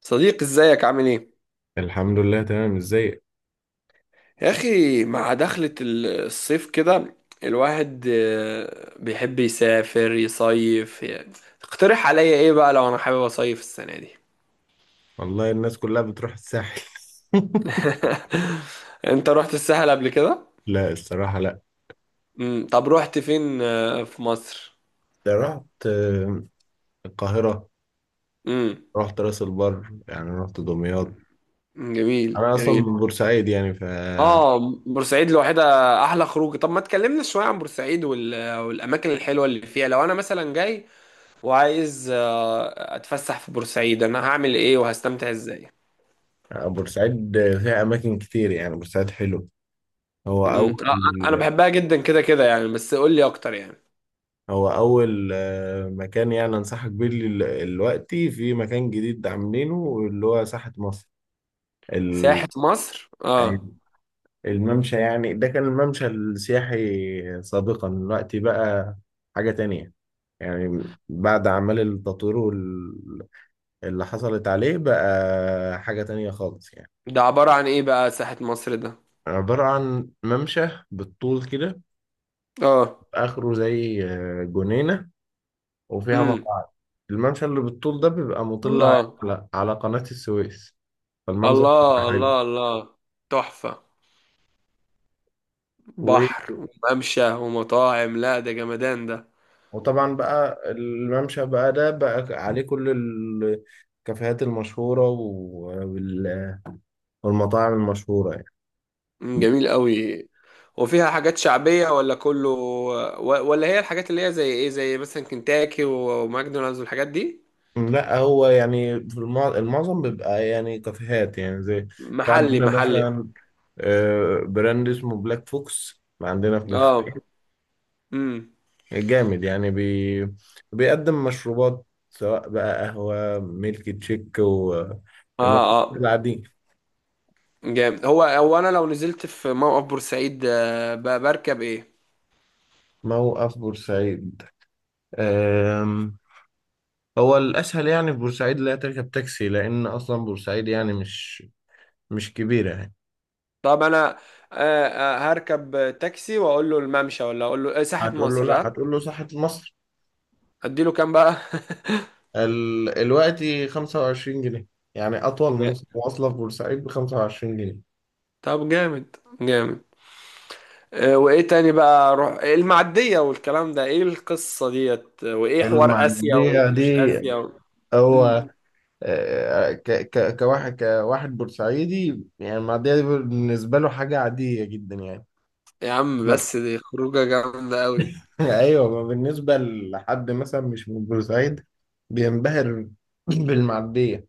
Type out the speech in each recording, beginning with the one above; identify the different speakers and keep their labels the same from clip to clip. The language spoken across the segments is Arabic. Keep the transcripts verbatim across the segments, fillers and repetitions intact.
Speaker 1: صديق، ازيك عامل ايه؟
Speaker 2: الحمد لله، تمام. ازيك؟
Speaker 1: يا اخي، مع دخلة ال- الصيف كده الواحد آه، بيحب يسافر يصيف يعني. اقترح عليا ايه بقى لو انا حابب اصيف السنة دي؟
Speaker 2: والله، الناس كلها بتروح الساحل.
Speaker 1: انت رحت الساحل قبل كده؟
Speaker 2: لا، الصراحة لا.
Speaker 1: امم طب رحت فين آه، في مصر؟
Speaker 2: ده رحت، آه، القاهرة.
Speaker 1: امم.
Speaker 2: رحت راس البر، يعني رحت دمياط.
Speaker 1: جميل،
Speaker 2: أنا أصلا
Speaker 1: جميل.
Speaker 2: من بورسعيد، يعني ف
Speaker 1: اه، بورسعيد لوحدها احلى خروج. طب ما تكلمنا شوية عن بورسعيد وال- والاماكن الحلوة اللي فيها. لو انا مثلا جاي وعايز آه، اتفسح في بورسعيد، انا هعمل ايه وهستمتع ازاي؟
Speaker 2: آه، بورسعيد فيها أماكن كتير، يعني بورسعيد حلو. هو أول
Speaker 1: مم. آه، انا بحبها جدا، كده كده يعني، بس قول لي اكتر يعني.
Speaker 2: هو أول آه، مكان يعني أنصحك بيه. دلوقتي في مكان جديد عاملينه اللي هو ساحة مصر. ال...
Speaker 1: ساحة مصر، اه.
Speaker 2: الممشى، يعني ده كان الممشى السياحي سابقا. دلوقتي بقى حاجة تانية، يعني بعد أعمال التطوير وال- اللي حصلت عليه بقى حاجة تانية خالص يعني.
Speaker 1: ده عبارة عن ايه بقى ساحة مصر ده؟
Speaker 2: عبارة عن ممشى بالطول كده،
Speaker 1: اه.
Speaker 2: آخره زي آه، جنينة، وفيها
Speaker 1: امم.
Speaker 2: مقاعد. الممشى اللي بالطول ده بيبقى مطل
Speaker 1: الله،
Speaker 2: على على قناة السويس. فالمنظر
Speaker 1: الله،
Speaker 2: بيبقى
Speaker 1: الله، الله. تحفة.
Speaker 2: حلو.
Speaker 1: بحر وممشى ومطاعم، لا ده جمدان ده.
Speaker 2: وطبعا بقى الممشى بقى ده بقى عليه كل الكافيهات المشهورة وال- والمطاعم المشهورة يعني.
Speaker 1: مم، جميل قوي. وفيها حاجات شعبية ولا كله و- ولا هي الحاجات اللي هي زي ايه، زي مثلا كنتاكي وماكدونالدز والحاجات دي؟
Speaker 2: لا، هو يعني في المع- المعظم بيبقى يعني كافيهات يعني زي. في
Speaker 1: محلي،
Speaker 2: عندنا
Speaker 1: محلي.
Speaker 2: مثلا آه، براند اسمه بلاك فوكس عندنا في
Speaker 1: اه.
Speaker 2: بورسعيد.
Speaker 1: امم.
Speaker 2: جامد يعني، بي بيقدم مشروبات سواء بقى قهوة، ميلك تشيك،
Speaker 1: اه.
Speaker 2: والمشروبات
Speaker 1: آه.
Speaker 2: العادية.
Speaker 1: جامد. هو هو انا لو نزلت في موقف بورسعيد، آه، ب- بركب ايه؟
Speaker 2: موقف بورسعيد آم، هو الأسهل. يعني في بورسعيد لا تركب تاكسي، لأن أصلا بورسعيد يعني مش مش كبيرة يعني.
Speaker 1: طب انا، آه، آه، هركب تاكسي واقول له الممشى، ولا اقول له آه، ساحة
Speaker 2: هتقول له
Speaker 1: مصر؟
Speaker 2: لا،
Speaker 1: ها؟
Speaker 2: هتقول له ساحة مصر.
Speaker 1: اديله كام بقى؟
Speaker 2: ال... الوقت خمسة وعشرين جنيه، يعني أطول
Speaker 1: م-
Speaker 2: مواص- مواصلة في بورسعيد ب خمسة وعشرين جنيه.
Speaker 1: طب جامد، جامد. آه، وايه تاني بقى؟ اروح المعدية والكلام ده، ايه القصة ديت؟ آه، وايه حوار اسيا
Speaker 2: المعدية
Speaker 1: ومش
Speaker 2: دي
Speaker 1: اسيا و... مم.
Speaker 2: هو آه، ك... ك... كواحد كواحد بورسعيدي، يعني المعدية دي بالنسبة له حاجة عادية جدا يعني.
Speaker 1: يا عم،
Speaker 2: ما...
Speaker 1: بس دي خروجة جامدة قوي.
Speaker 2: أيوه، ما بالنسبة لحد مثلا مش من بورسعيد بينبهر بالمعدية.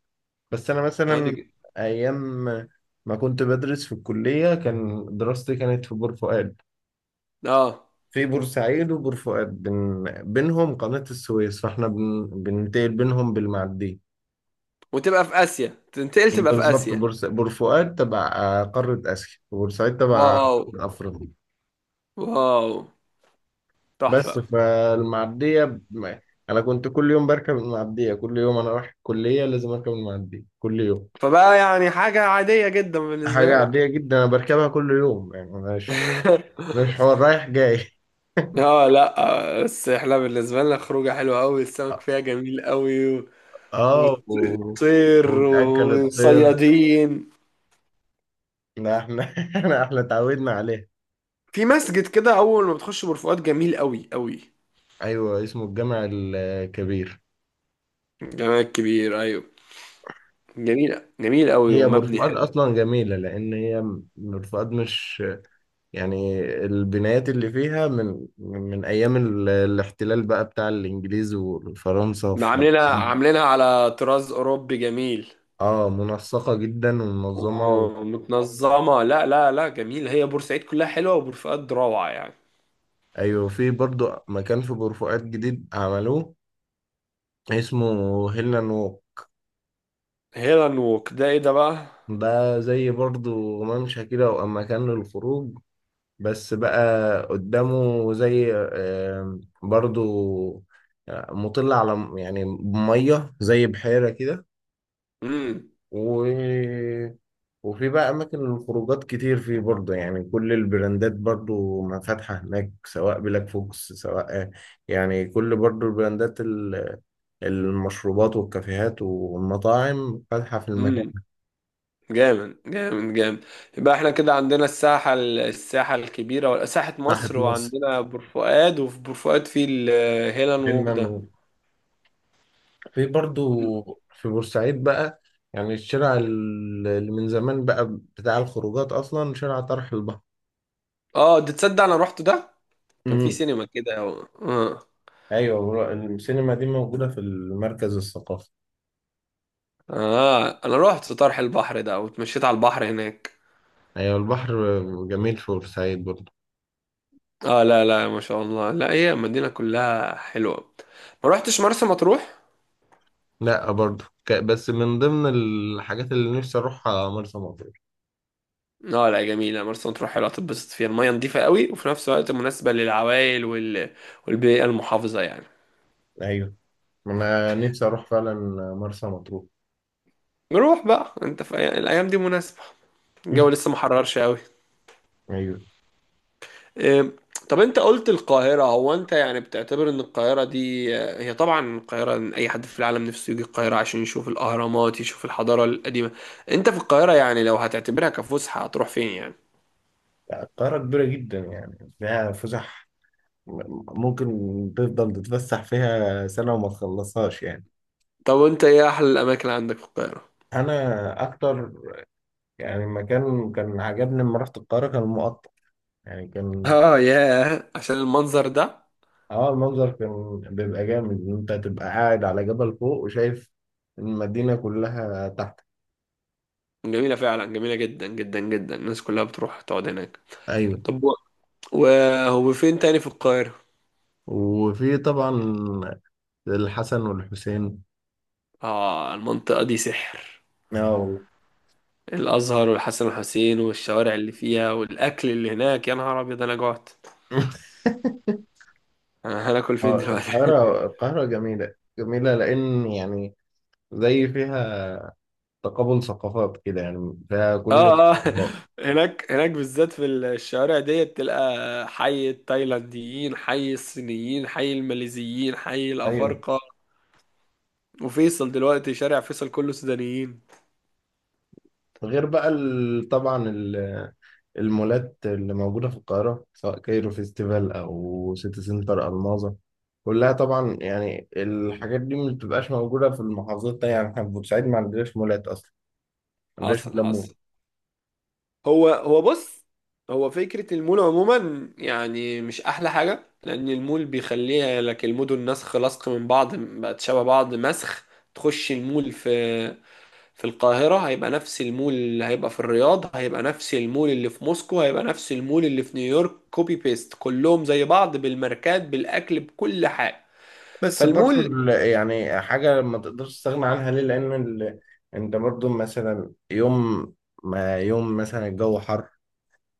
Speaker 2: بس انا
Speaker 1: اه دي
Speaker 2: مثلا
Speaker 1: ج-
Speaker 2: ايام ما كنت بدرس في الكليه، كان دراستي كانت في بور فؤاد.
Speaker 1: اه.
Speaker 2: في بورسعيد وبور فؤاد بين بينهم قناه السويس، فاحنا بن... بننتقل بينهم بالمعديه.
Speaker 1: وتبقى في اسيا، تنتقل تبقى في
Speaker 2: بالظبط،
Speaker 1: اسيا.
Speaker 2: بورس... بور فؤاد تبع آه، قاره اسيا، وبورسعيد تبع
Speaker 1: واو.
Speaker 2: افريقيا.
Speaker 1: واو.
Speaker 2: بس
Speaker 1: تحفة.
Speaker 2: فالمعديه ب... انا كنت كل يوم بركب المعديه، كل يوم انا رايح الكليه لازم اركب المعديه كل يوم.
Speaker 1: فبقى يعني حاجة عادية جدا بالنسبة
Speaker 2: حاجه
Speaker 1: لك.
Speaker 2: عاديه جدا، انا بركبها كل يوم يعني، مش مش حوار رايح جاي.
Speaker 1: اه، لا آه، بس احنا بالنسبة لنا خروجة حلوة قوي، السمك فيها جميل قوي و-
Speaker 2: اه، و...
Speaker 1: وطير
Speaker 2: وتأكل الطير.
Speaker 1: وصيادين.
Speaker 2: ده احنا. احنا اتعودنا عليها.
Speaker 1: في مسجد كده اول ما بتخش برفقات، جميل قوي قوي.
Speaker 2: ايوه، اسمه الجامع الكبير.
Speaker 1: جمال كبير، ايوه. جميل، جميل قوي،
Speaker 2: هي
Speaker 1: ومبني
Speaker 2: برفقات
Speaker 1: حلو.
Speaker 2: اصلا جميله، لان هي م- برفقات مش، يعني البنايات اللي فيها من من من ايام ال- الاحتلال بقى بتاع الانجليز وفرنسا في
Speaker 1: عاملينها،
Speaker 2: مصر.
Speaker 1: عاملينها على طراز اوروبي جميل.
Speaker 2: اه، منسقه جدا ومنظمه و...
Speaker 1: ومتنظمة. لا، لا، لا، جميل. هي بورسعيد كلها حلوة، وبورفؤاد روعة يعني.
Speaker 2: ايوه، في برضو مكان في برفقات جديد عملوه اسمه هيلاند.
Speaker 1: هيل اند ووك ده ايه ده بقى؟
Speaker 2: ده زي برضو ممشى كده، وأما مكان للخروج بس بقى. قدامه زي آه، برضو آه، مطل على م- يعني مية زي بحيرة كده
Speaker 1: مم.
Speaker 2: و... وفي بقى أماكن للخروجات كتير فيه برضو، يعني كل البراندات برضو ما فاتحة هناك، سواء بلاك فوكس، سواء آه، يعني كل برضو البراندات ال- المشروبات والكافيهات والمطاعم فاتحة في المكان.
Speaker 1: امم. جامد، جامد، جامد. يبقى احنا كده عندنا الساحة، ال- الساحة الكبيرة ولا ساحة
Speaker 2: تحت
Speaker 1: مصر، وعندنا بورفؤاد، وفي بورفؤاد في الهيلان ووك ده.
Speaker 2: مصر في برضو، في بورسعيد بقى، يعني الشارع ال- اللي من زمان بقى بتاع الخروجات أصلا، شارع طرح البحر.
Speaker 1: اه ده، تصدق انا روحت ده. كان في
Speaker 2: امم،
Speaker 1: سينما كده، اه.
Speaker 2: أيوة. ور- السينما دي موجودة في المركز الثقافي.
Speaker 1: اه، انا روحت طرح البحر ده، واتمشيت على البحر هناك.
Speaker 2: أيوة، البحر جميل في بورسعيد برضو.
Speaker 1: اه لا لا، ما شاء الله، لا هي المدينة كلها حلوة. ما روحتش مرسى مطروح.
Speaker 2: لا، برضو ك- بس من ضمن الحاجات اللي نفسي أروحها مرسى مطروح.
Speaker 1: اه، لا جميلة مرسى مطروح، حلوة تتبسط فيها، المية نظيفة قوي، وفي نفس الوقت مناسبة للعوائل وال... والبيئة المحافظة يعني.
Speaker 2: أيوة، أنا نفسي أروح فعلا مرسى مطروح.
Speaker 1: نروح بقى، انت في أي- الايام دي مناسبة، الجو لسه محررش قوي.
Speaker 2: أيوة.
Speaker 1: إيه، طب انت قلت القاهرة. هو انت يعني بتعتبر ان القاهرة دي آه، هي طبعا القاهرة، إن اي حد في العالم نفسه يجي القاهرة عشان يشوف الاهرامات، يشوف الحضارة القديمة. انت في القاهرة يعني، لو هتعتبرها كفسحة هتروح فين يعني؟
Speaker 2: لا، القاهرة كبيرة جدا، يعني فيها فسح. م- ممكن تفضل تتفسح فيها سنة وما تخلصهاش يعني.
Speaker 1: طب انت ايه احلى الاماكن عندك في القاهرة؟
Speaker 2: انا اكتر يعني مكان كان عجبني لما رحت القاهره كان المقطم، يعني كان.
Speaker 1: اه ياه، عشان المنظر ده.
Speaker 2: اه، المنظر كان بيبقى جامد ان انت تبقى قاعد على جبل فوق، وشايف المدينه كلها تحت.
Speaker 1: جميلة فعلا، جميلة جدا جدا جدا، الناس كلها بتروح تقعد هناك.
Speaker 2: ايوه،
Speaker 1: طب و- وهو فين تاني في القاهرة؟
Speaker 2: وفي طبعا الحسن والحسين.
Speaker 1: اه، المنطقة دي سحر.
Speaker 2: اه.
Speaker 1: الازهر والحسن والحسين والشوارع اللي فيها والاكل اللي هناك، يا نهار ابيض، انا جعت. انا هناكل فين
Speaker 2: آه،
Speaker 1: دلوقتي؟
Speaker 2: القاهره القاهره جميله جميله، لان يعني زي فيها تقابل ثقافات كده، يعني فيها كل
Speaker 1: اه، اه،
Speaker 2: الثقافات.
Speaker 1: هناك، هناك بالذات، في الشوارع ديت تلقى حي التايلانديين، حي الصينيين، حي الماليزيين، حي
Speaker 2: ايوه.
Speaker 1: الافارقه. وفيصل دلوقتي، شارع فيصل كله سودانيين.
Speaker 2: غير بقى ال- طبعا ال- المولات اللي موجودة في القاهرة، سواء كايرو فيستيفال أو سيتي سنتر ألماظة. كلها طبعا، يعني الحاجات دي ما بتبقاش موجودة في المحافظات التانية، يعني احنا في بورسعيد ما عندناش مولات أصلا، ما عندناش
Speaker 1: حصل،
Speaker 2: مولات مول.
Speaker 1: حصل. هو هو بص، هو فكرة المول عموما يعني مش أحلى حاجة، لأن المول بيخليها لك المدن نسخ لصق من بعض، بقت شبه بعض، مسخ. تخش المول في في القاهرة، هيبقى نفس المول اللي هيبقى في الرياض، هيبقى نفس المول اللي في موسكو، هيبقى نفس المول اللي في نيويورك، كوبي بيست، كلهم زي بعض، بالماركات بالأكل بكل حاجة.
Speaker 2: بس برضو
Speaker 1: فالمول،
Speaker 2: ال- يعني حاجة ما تقدرش تستغنى عنها ليه، لأن ال... أنت برضو مثلا يوم ما يوم مثلا الجو حر،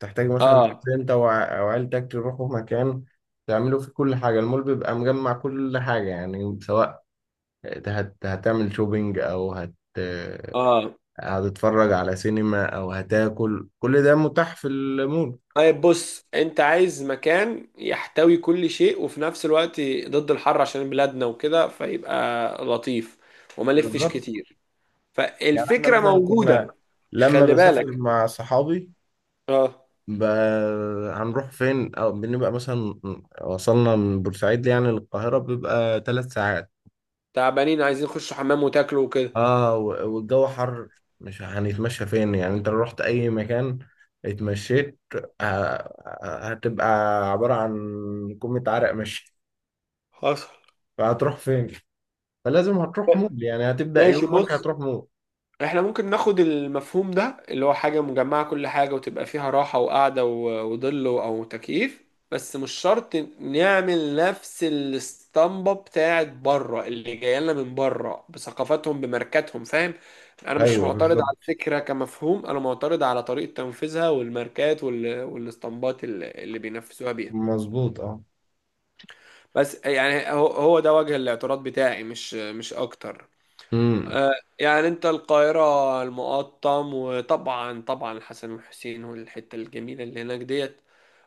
Speaker 2: تحتاج مثلا
Speaker 1: اه.
Speaker 2: تنزل انت وع- او عيلتك تروحوا مكان تعملوا فيه كل حاجة. المول بيبقى مجمع كل حاجة يعني، سواء هت... هتعمل شوبينج، او هت...
Speaker 1: اه،
Speaker 2: هتتفرج على سينما، او هتاكل. كل ده متاح في المول.
Speaker 1: طيب بص، انت عايز مكان يحتوي كل شيء، وفي نفس الوقت ضد الحر عشان بلادنا وكده، فيبقى لطيف وما لفش
Speaker 2: بالظبط،
Speaker 1: كتير.
Speaker 2: يعني احنا
Speaker 1: فالفكرة
Speaker 2: مثلا كنا
Speaker 1: موجودة.
Speaker 2: لما
Speaker 1: خلي
Speaker 2: بسافر
Speaker 1: بالك.
Speaker 2: مع صحابي
Speaker 1: اه.
Speaker 2: ب... هنروح فين. او بنبقى مثلا وصلنا من بورسعيد يعني للقاهرة، بيبقى ثلاث ساعات.
Speaker 1: تعبانين، عايزين يخشوا حمام وتاكلوا وكده.
Speaker 2: اه، و- والجو حر. مش هنتمشى فين؟ يعني انت لو رحت اي مكان اتمشيت، ه- هتبقى عبارة عن كمية عرق مشي.
Speaker 1: حصل.
Speaker 2: فهتروح فين؟ فلازم هتروح مول، يعني هتبدأ
Speaker 1: ماشي،
Speaker 2: يومك
Speaker 1: بص،
Speaker 2: هتروح مول.
Speaker 1: احنا ممكن ناخد المفهوم ده، اللي هو حاجة مجمعة كل حاجة، وتبقى فيها راحة وقعدة و- وظل او تكييف، بس مش شرط نعمل نفس الاسطمبة بتاعت بره اللي جاية لنا من بره بثقافتهم بماركاتهم، فاهم؟ انا مش
Speaker 2: ايوه،
Speaker 1: معترض
Speaker 2: بالظبط،
Speaker 1: على الفكرة كمفهوم، انا معترض على طريقة تنفيذها والماركات وال- والاسطمبات اللي اللي بينفذوها بيها.
Speaker 2: مظبوط، اه.
Speaker 1: بس يعني هو هو ده وجه الاعتراض بتاعي، مش مش اكتر.
Speaker 2: امم.
Speaker 1: آه، يعني انت، القاهرة، المقطم، وطبعا طبعا الحسن والحسين والحتة الجميلة اللي هناك ديت.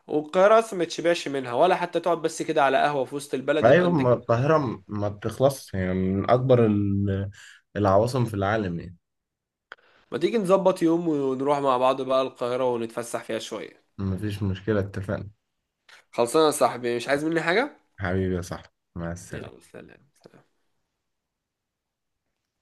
Speaker 1: والقاهرة اصلا ما تشبعش منها، ولا حتى تقعد بس كده على قهوة في وسط البلد، يبقى
Speaker 2: ايوه،
Speaker 1: انت
Speaker 2: ما
Speaker 1: كده.
Speaker 2: القاهرة م- ما بتخلصش، يعني من اكبر ال- العواصم في العالم يعني.
Speaker 1: ما تيجي نظبط يوم ونروح مع بعض بقى القاهرة، ونتفسح فيها شوية.
Speaker 2: مفيش مشكلة، اتفقنا.
Speaker 1: خلصانة يا صاحبي، مش عايز مني حاجة.
Speaker 2: حبيبي يا صاحبي، مع
Speaker 1: يلا،
Speaker 2: السلامة.
Speaker 1: سلام، سلام.